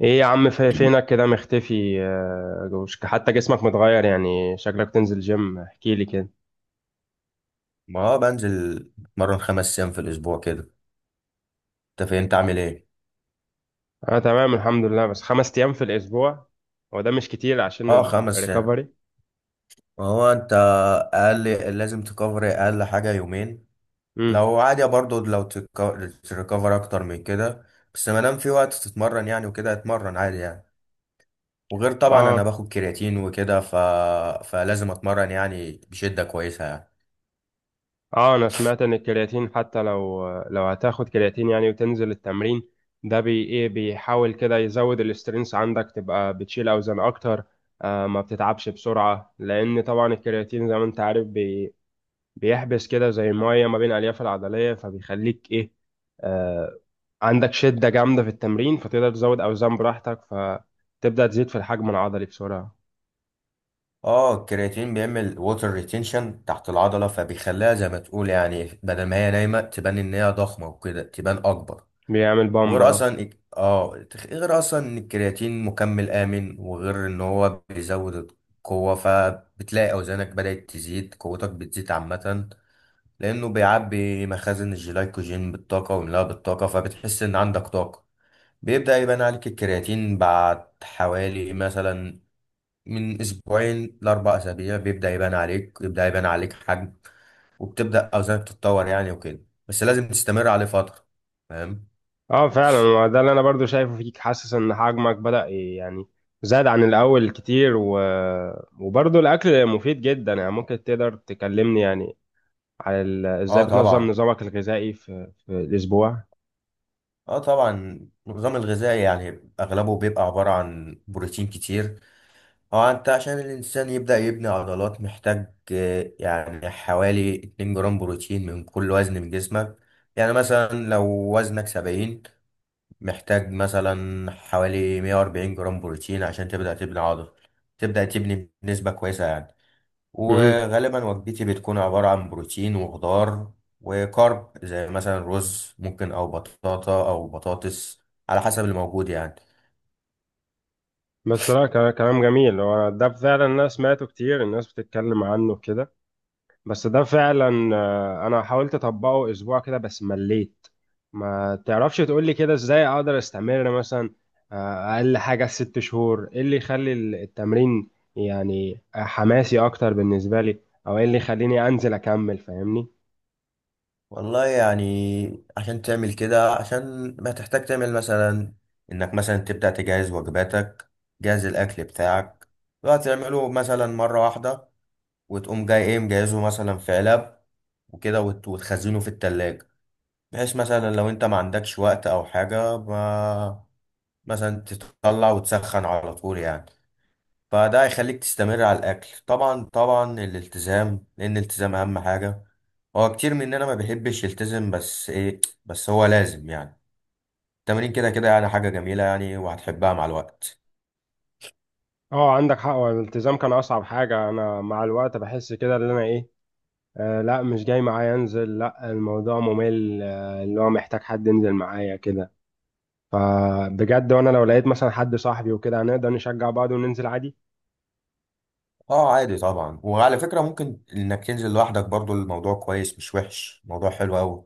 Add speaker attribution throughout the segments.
Speaker 1: ايه يا عم، فينك كده مختفي؟ حتى جسمك متغير، يعني شكلك تنزل جيم. احكي لي كده.
Speaker 2: ما هو بنزل. اتمرن خمس ايام في الاسبوع كده. انت فين؟ انت عامل ايه؟
Speaker 1: انا تمام، الحمد لله. بس 5 ايام في الاسبوع؟ هو ده مش كتير عشان
Speaker 2: اه، خمس ايام.
Speaker 1: الريكفري؟
Speaker 2: ما هو انت اقل. لازم تكفر اقل حاجه يومين.
Speaker 1: امم.
Speaker 2: لو عادي برضو لو تريكفر اكتر من كده. بس ما دام في وقت تتمرن يعني وكده اتمرن عادي يعني. وغير طبعا انا
Speaker 1: اه.
Speaker 2: باخد كرياتين وكده. فلازم اتمرن يعني بشده كويسه يعني.
Speaker 1: اه، انا سمعت ان الكرياتين حتى لو هتاخد كرياتين، يعني وتنزل التمرين ده بي ايه، بيحاول كده يزود الاسترينس عندك، تبقى بتشيل اوزان اكتر. ما بتتعبش بسرعة، لان طبعا الكرياتين زي ما انت عارف بيحبس كده زي ميه ما بين الالياف العضليه، فبيخليك ايه؟ آه. عندك شده جامده في التمرين، فتقدر تزود اوزان براحتك، فتبدا تزيد في الحجم العضلي بسرعه.
Speaker 2: اه، الكرياتين بيعمل ووتر ريتينشن تحت العضله، فبيخليها زي ما تقول يعني، بدل ما هي نايمه تبان ان هي ضخمه وكده، تبان اكبر.
Speaker 1: بيعمل بامب،
Speaker 2: وغير
Speaker 1: اه.
Speaker 2: اصلا غير اصلا ان الكرياتين مكمل امن، وغير ان هو بيزود القوه، فبتلاقي اوزانك بدات تزيد، قوتك بتزيد عامه. لانه بيعبي مخازن الجلايكوجين بالطاقه ويملاها بالطاقه، فبتحس ان عندك طاقه. بيبدا يبان عليك الكرياتين بعد حوالي مثلا من اسبوعين لاربع اسابيع، بيبدا يبان عليك، يبدا يبان عليك حجم، وبتبدا اوزانك تتطور يعني وكده. بس لازم تستمر عليه فتره. فاهم؟
Speaker 1: اه فعلا، هو ده اللي انا برضو شايفه فيك. حاسس ان حجمك بدا يعني زاد عن الاول كتير. و... وبرضو الاكل مفيد جدا. يعني ممكن تقدر تكلمني، يعني على ازاي
Speaker 2: اه
Speaker 1: بتنظم
Speaker 2: طبعا،
Speaker 1: نظامك الغذائي في الاسبوع؟
Speaker 2: اه طبعا. النظام الغذائي يعني اغلبه بيبقى عبارة عن بروتين كتير. هو انت عشان الانسان يبدأ يبني عضلات محتاج يعني حوالي 2 جرام بروتين من كل وزن من جسمك. يعني مثلا لو وزنك 70، محتاج مثلا حوالي 140 جرام بروتين عشان تبدأ تبني عضل، تبدأ تبني بنسبة كويسة يعني. وغالبا وجبتي بتكون عبارة عن بروتين وخضار وكارب، زي مثلا رز ممكن، أو بطاطا، أو بطاطس، على حسب اللي موجود يعني.
Speaker 1: بس لا، كلام جميل. هو ده فعلا، انا سمعته كتير، الناس بتتكلم عنه كده. بس ده فعلا، انا حاولت اطبقه اسبوع كده بس مليت. ما تعرفش تقولي كده ازاي اقدر استمر مثلا، اقل حاجة 6 شهور؟ ايه اللي يخلي التمرين يعني حماسي اكتر بالنسبة لي؟ او ايه اللي يخليني انزل اكمل، فاهمني؟
Speaker 2: والله يعني عشان تعمل كده عشان ما تحتاج تعمل مثلا إنك مثلا تبدأ تجهز وجباتك جهز الأكل بتاعك بقى تعمله مثلا مرة واحدة وتقوم جاي إيه مجهزه مثلا في علب وكده وت- وتخزنه في التلاجة بحيث مثلا لو انت ما عندكش وقت او حاجة ما مثلا تطلع وتسخن على طول يعني فده هيخليك تستمر على الاكل طبعا طبعا الالتزام لان الالتزام اهم حاجه هو كتير مننا ما بيحبش يلتزم بس ايه بس هو لازم يعني التمرين كده كده يعني حاجه جميله يعني وهتحبها مع الوقت
Speaker 1: اه، عندك حق. هو الالتزام كان اصعب حاجة. انا مع الوقت بحس كده ان انا ايه، لا، مش جاي معايا انزل، لا الموضوع ممل، اللي هو محتاج حد ينزل معايا كده. فبجد، وانا لو لقيت مثلا حد صاحبي وكده هنقدر نشجع بعض وننزل عادي.
Speaker 2: اه عادي طبعا وعلى فكره ممكن انك تنزل لوحدك برضو الموضوع كويس مش وحش الموضوع حلو قوي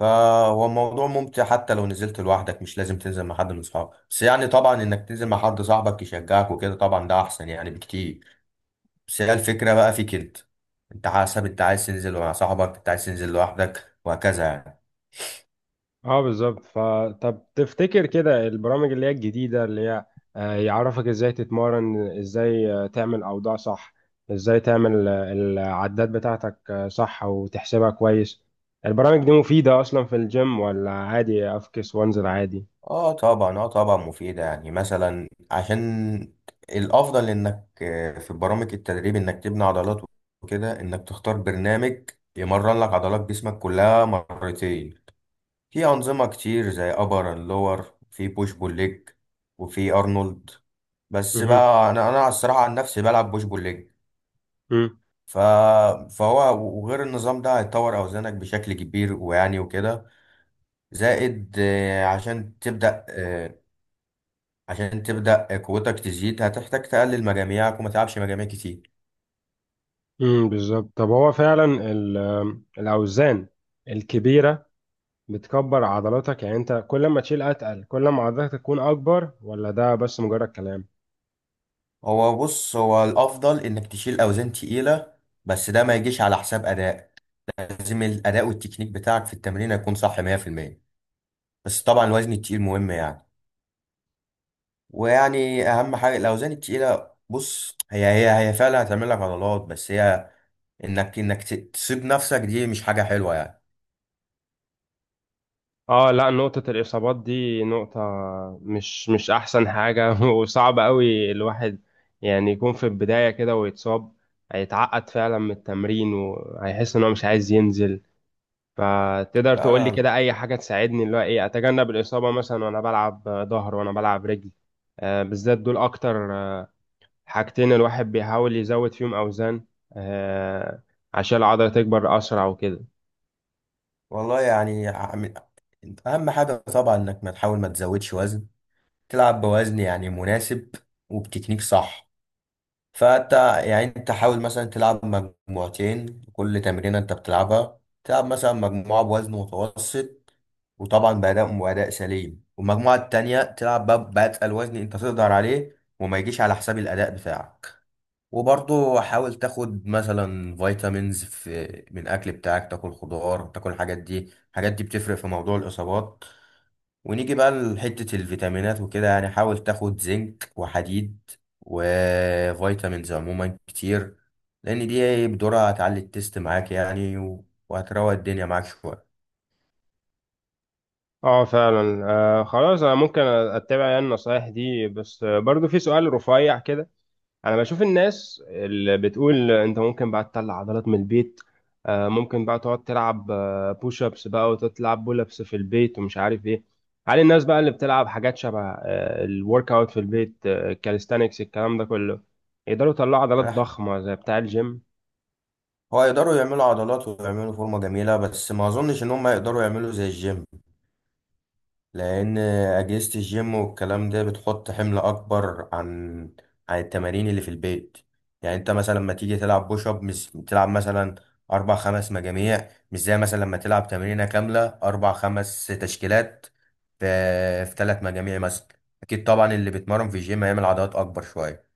Speaker 2: فهو الموضوع ممتع حتى لو نزلت لوحدك مش لازم تنزل مع حد من صحابك بس يعني طبعا انك تنزل مع حد صاحبك يشجعك وكده طبعا ده احسن يعني بكتير بس هي الفكرة بقى فيك انت انت حسب انت عايز تنزل مع صاحبك انت عايز تنزل لوحدك وهكذا يعني
Speaker 1: اه بالظبط. فطب تفتكر كده البرامج اللي هي الجديدة، اللي هي يعرفك ازاي تتمرن، ازاي تعمل اوضاع صح، ازاي تعمل العدات بتاعتك صح وتحسبها كويس، البرامج دي مفيدة اصلا في الجيم ولا عادي افكس وانزل عادي؟
Speaker 2: اه طبعا اه طبعا مفيدة يعني مثلا عشان الافضل انك آه، في برامج التدريب انك تبني عضلات وكده انك تختار برنامج يمرن لك عضلات جسمك كلها مرتين في انظمة كتير زي ابر اند لور في بوش بول ليج وفي ارنولد بس
Speaker 1: مهم.
Speaker 2: بقى انا انا الصراحة عن نفسي بلعب بوش بول ليج
Speaker 1: مم.
Speaker 2: ف... فهو وغير النظام ده هيطور أوزانك بشكل كبير ويعني وكده زائد آه، عشان تبدأ آه، عشان تبدأ قوتك تزيد هتحتاج تقلل مجاميعك وما تلعبش مجاميع كتير
Speaker 1: بالظبط. طب هو فعلا الاوزان الكبيره بتكبر عضلاتك، يعني انت كل ما تشيل اتقل كل ما عضلاتك تكون اكبر، ولا ده بس مجرد كلام؟
Speaker 2: هو بص هو الأفضل إنك تشيل أوزان تقيلة بس ده ما يجيش على حساب أداء لازم الأداء والتكنيك بتاعك في التمرين يكون صح 100% بس طبعا الوزن التقيل مهم يعني ويعني أهم حاجة الأوزان التقيلة بص هي هي هي فعلا هتعمل لك عضلات بس هي انك انك ت- تسيب نفسك دي مش حاجة حلوة يعني
Speaker 1: اه لا، نقطة الإصابات دي نقطة مش أحسن حاجة وصعب قوي الواحد يعني يكون في البداية كده ويتصاب، هيتعقد فعلا من التمرين وهيحس إن هو مش عايز ينزل. فتقدر
Speaker 2: لا
Speaker 1: تقول لي
Speaker 2: لا
Speaker 1: كده اي حاجه تساعدني، اللي هو ايه اتجنب الاصابه مثلا وانا بلعب ظهر وانا بلعب رجل، بالذات دول اكتر، حاجتين الواحد بيحاول يزود فيهم اوزان، آه، عشان العضله تكبر اسرع وكده.
Speaker 2: والله يعني عم- اهم حاجة طبعا انك ما تحاول ما تزودش وزن. تلعب بوزن يعني مناسب وبتكنيك صح. فانت يعني انت حاول مثلا تلعب مجموعتين. كل تمرينة انت بتلعبها تلعب مثلا مجموعة بوزن متوسط، وطبعا بأداء سليم، والمجموعة التانية تلعب بأتقل وزن انت تقدر عليه، وما يجيش على حساب الأداء بتاعك. وبرضه حاول تاخد مثلا فيتامينز في، من الاكل بتاعك، تاكل خضار، تاكل الحاجات دي. الحاجات دي بتفرق في موضوع الاصابات. ونيجي بقى لحتة الفيتامينات وكده، يعني حاول تاخد زنك وحديد وفيتامينز عموما كتير، لان دي بدورها هتعلي التست معاك يعني، وهتروق الدنيا معاك شوية.
Speaker 1: اه فعلا، خلاص انا ممكن اتبع يعني النصايح دي، بس برضو في سؤال رفيع كده. انا بشوف الناس اللي بتقول انت ممكن بقى تطلع عضلات من البيت، ممكن بقى تقعد تلعب بوش ابس بقى وتلعب بول ابس في البيت ومش عارف ايه. هل الناس بقى اللي بتلعب حاجات شبه الورك اوت في البيت، كاليستانكس، الكلام ده كله يقدروا يطلعوا عضلات
Speaker 2: أنا ح-
Speaker 1: ضخمة زي بتاع الجيم؟
Speaker 2: هو يقدروا يعملوا عضلات ويعملوا فورمة جميلة، بس ما اظنش ان هم يقدروا يعملوا زي الجيم. لأن أجهزة الجيم والكلام ده بتحط حمل أكبر عن عن التمارين اللي في البيت. يعني أنت مثلا لما تيجي تلعب بوش أب مش تلعب مثلا أربع خمس مجاميع، مش زي مثلا لما تلعب تمرينة كاملة أربع خمس تشكيلات في في تلات مجاميع مثلا. أكيد طبعا اللي بيتمرن في الجيم هيعمل عضلات أكبر شوية.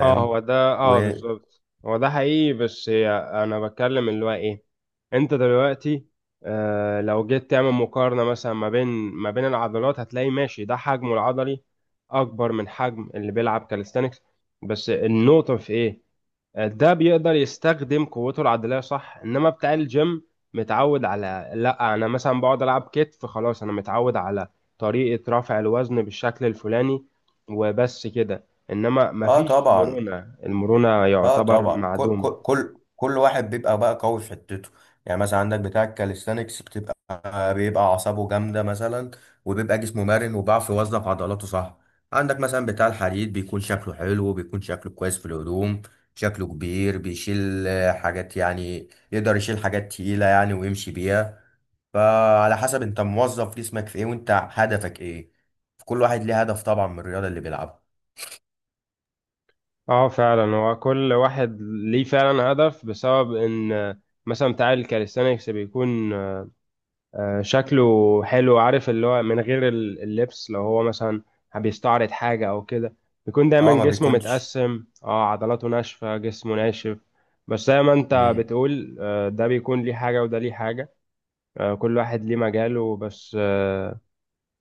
Speaker 1: اه هو ده، اه
Speaker 2: و
Speaker 1: بالظبط هو ده حقيقي. بس هي انا بتكلم اللي هو ايه، انت دلوقتي لو جيت تعمل مقارنة مثلا ما بين العضلات، هتلاقي ماشي ده حجمه العضلي اكبر من حجم اللي بيلعب كاليستانكس. بس النقطة في ايه؟ ده بيقدر يستخدم قوته العضلية صح، انما بتاع الجيم متعود على، لا انا مثلا بقعد العب كتف خلاص، انا متعود على طريقة رفع الوزن بالشكل الفلاني وبس كده. انما
Speaker 2: آه
Speaker 1: مفيش
Speaker 2: طبعا،
Speaker 1: مرونة، المرونة
Speaker 2: اه
Speaker 1: يعتبر
Speaker 2: طبعا. كل
Speaker 1: معدومة.
Speaker 2: كل كل كل واحد بيبقى بقى قوي في حتته. يعني مثلا عندك بتاع الكاليستانكس بيبقى اعصابه جامده مثلا، وبيبقى جسمه مرن، وبيعرف يوظف عضلاته صح. عندك مثلا بتاع الحديد بيكون شكله حلو، بيكون شكله كويس في الهدوم، شكله كبير، بيشيل حاجات يعني، يقدر يشيل حاجات تقيله يعني ويمشي بيها. فعلى حسب انت موظف جسمك في ايه، وانت هدفك ايه. كل واحد ليه هدف طبعا من الرياضه اللي بيلعبها.
Speaker 1: اه فعلا، هو كل واحد ليه فعلا هدف، بسبب ان مثلا بتاع الكاليستانكس بيكون شكله حلو، عارف اللي هو من غير اللبس لو هو مثلا بيستعرض حاجة أو كده، بيكون دايما
Speaker 2: اه، ما
Speaker 1: جسمه
Speaker 2: بيكونش.
Speaker 1: متقسم، اه عضلاته ناشفة جسمه ناشف. بس زي ما انت
Speaker 2: مم.
Speaker 1: بتقول، ده بيكون ليه حاجة وده ليه حاجة، كل واحد ليه مجاله، بس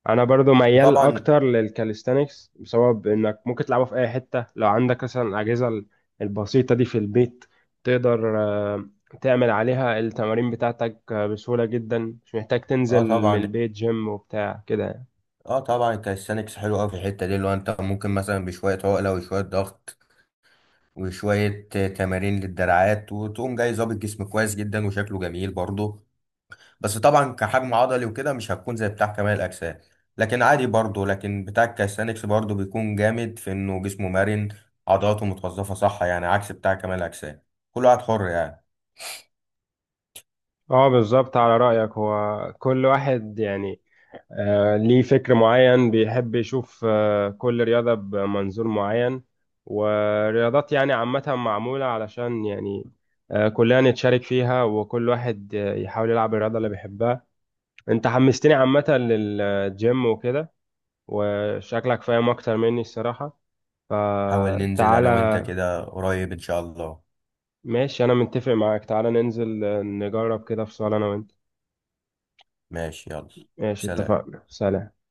Speaker 1: انا برضو ميال
Speaker 2: وطبعا
Speaker 1: اكتر للكاليستانكس بسبب انك ممكن تلعبه في اي حته لو عندك مثلا الاجهزه البسيطه دي في البيت، تقدر تعمل عليها التمارين بتاعتك بسهوله جدا، مش محتاج تنزل
Speaker 2: اه
Speaker 1: من
Speaker 2: طبعا،
Speaker 1: البيت جيم وبتاع كده يعني.
Speaker 2: اه طبعا الكاليستانكس حلو قوي في الحته دي، اللي هو انت ممكن مثلا بشويه عقله وشويه ضغط وشويه تمارين للدراعات، وتقوم جاي ظابط جسم كويس جدا وشكله جميل برضه. بس طبعا كحجم عضلي وكده مش هتكون زي بتاع كمال الاجسام. لكن عادي برضه، لكن بتاع الكاليستانكس برضه بيكون جامد في انه جسمه مرن، عضلاته متوظفه صح يعني، عكس بتاع كمال الاجسام. كل واحد حر يعني.
Speaker 1: اه بالظبط، على رايك هو كل واحد يعني ليه فكر معين، بيحب يشوف كل رياضة بمنظور معين، ورياضات يعني عامة معمولة علشان يعني كلنا نتشارك فيها، وكل واحد يحاول يلعب الرياضة اللي بيحبها. انت حمستني عامة للجيم وكده، وشكلك فاهم أكتر مني الصراحة،
Speaker 2: حاول ننزل انا وانت
Speaker 1: فتعالى.
Speaker 2: كده قريب ان شاء الله.
Speaker 1: ماشي، أنا متفق معاك. تعالى ننزل نجرب كده في صالة أنا وأنت.
Speaker 2: ماشي، يلا.
Speaker 1: ماشي،
Speaker 2: سلام.
Speaker 1: اتفقنا. سلام.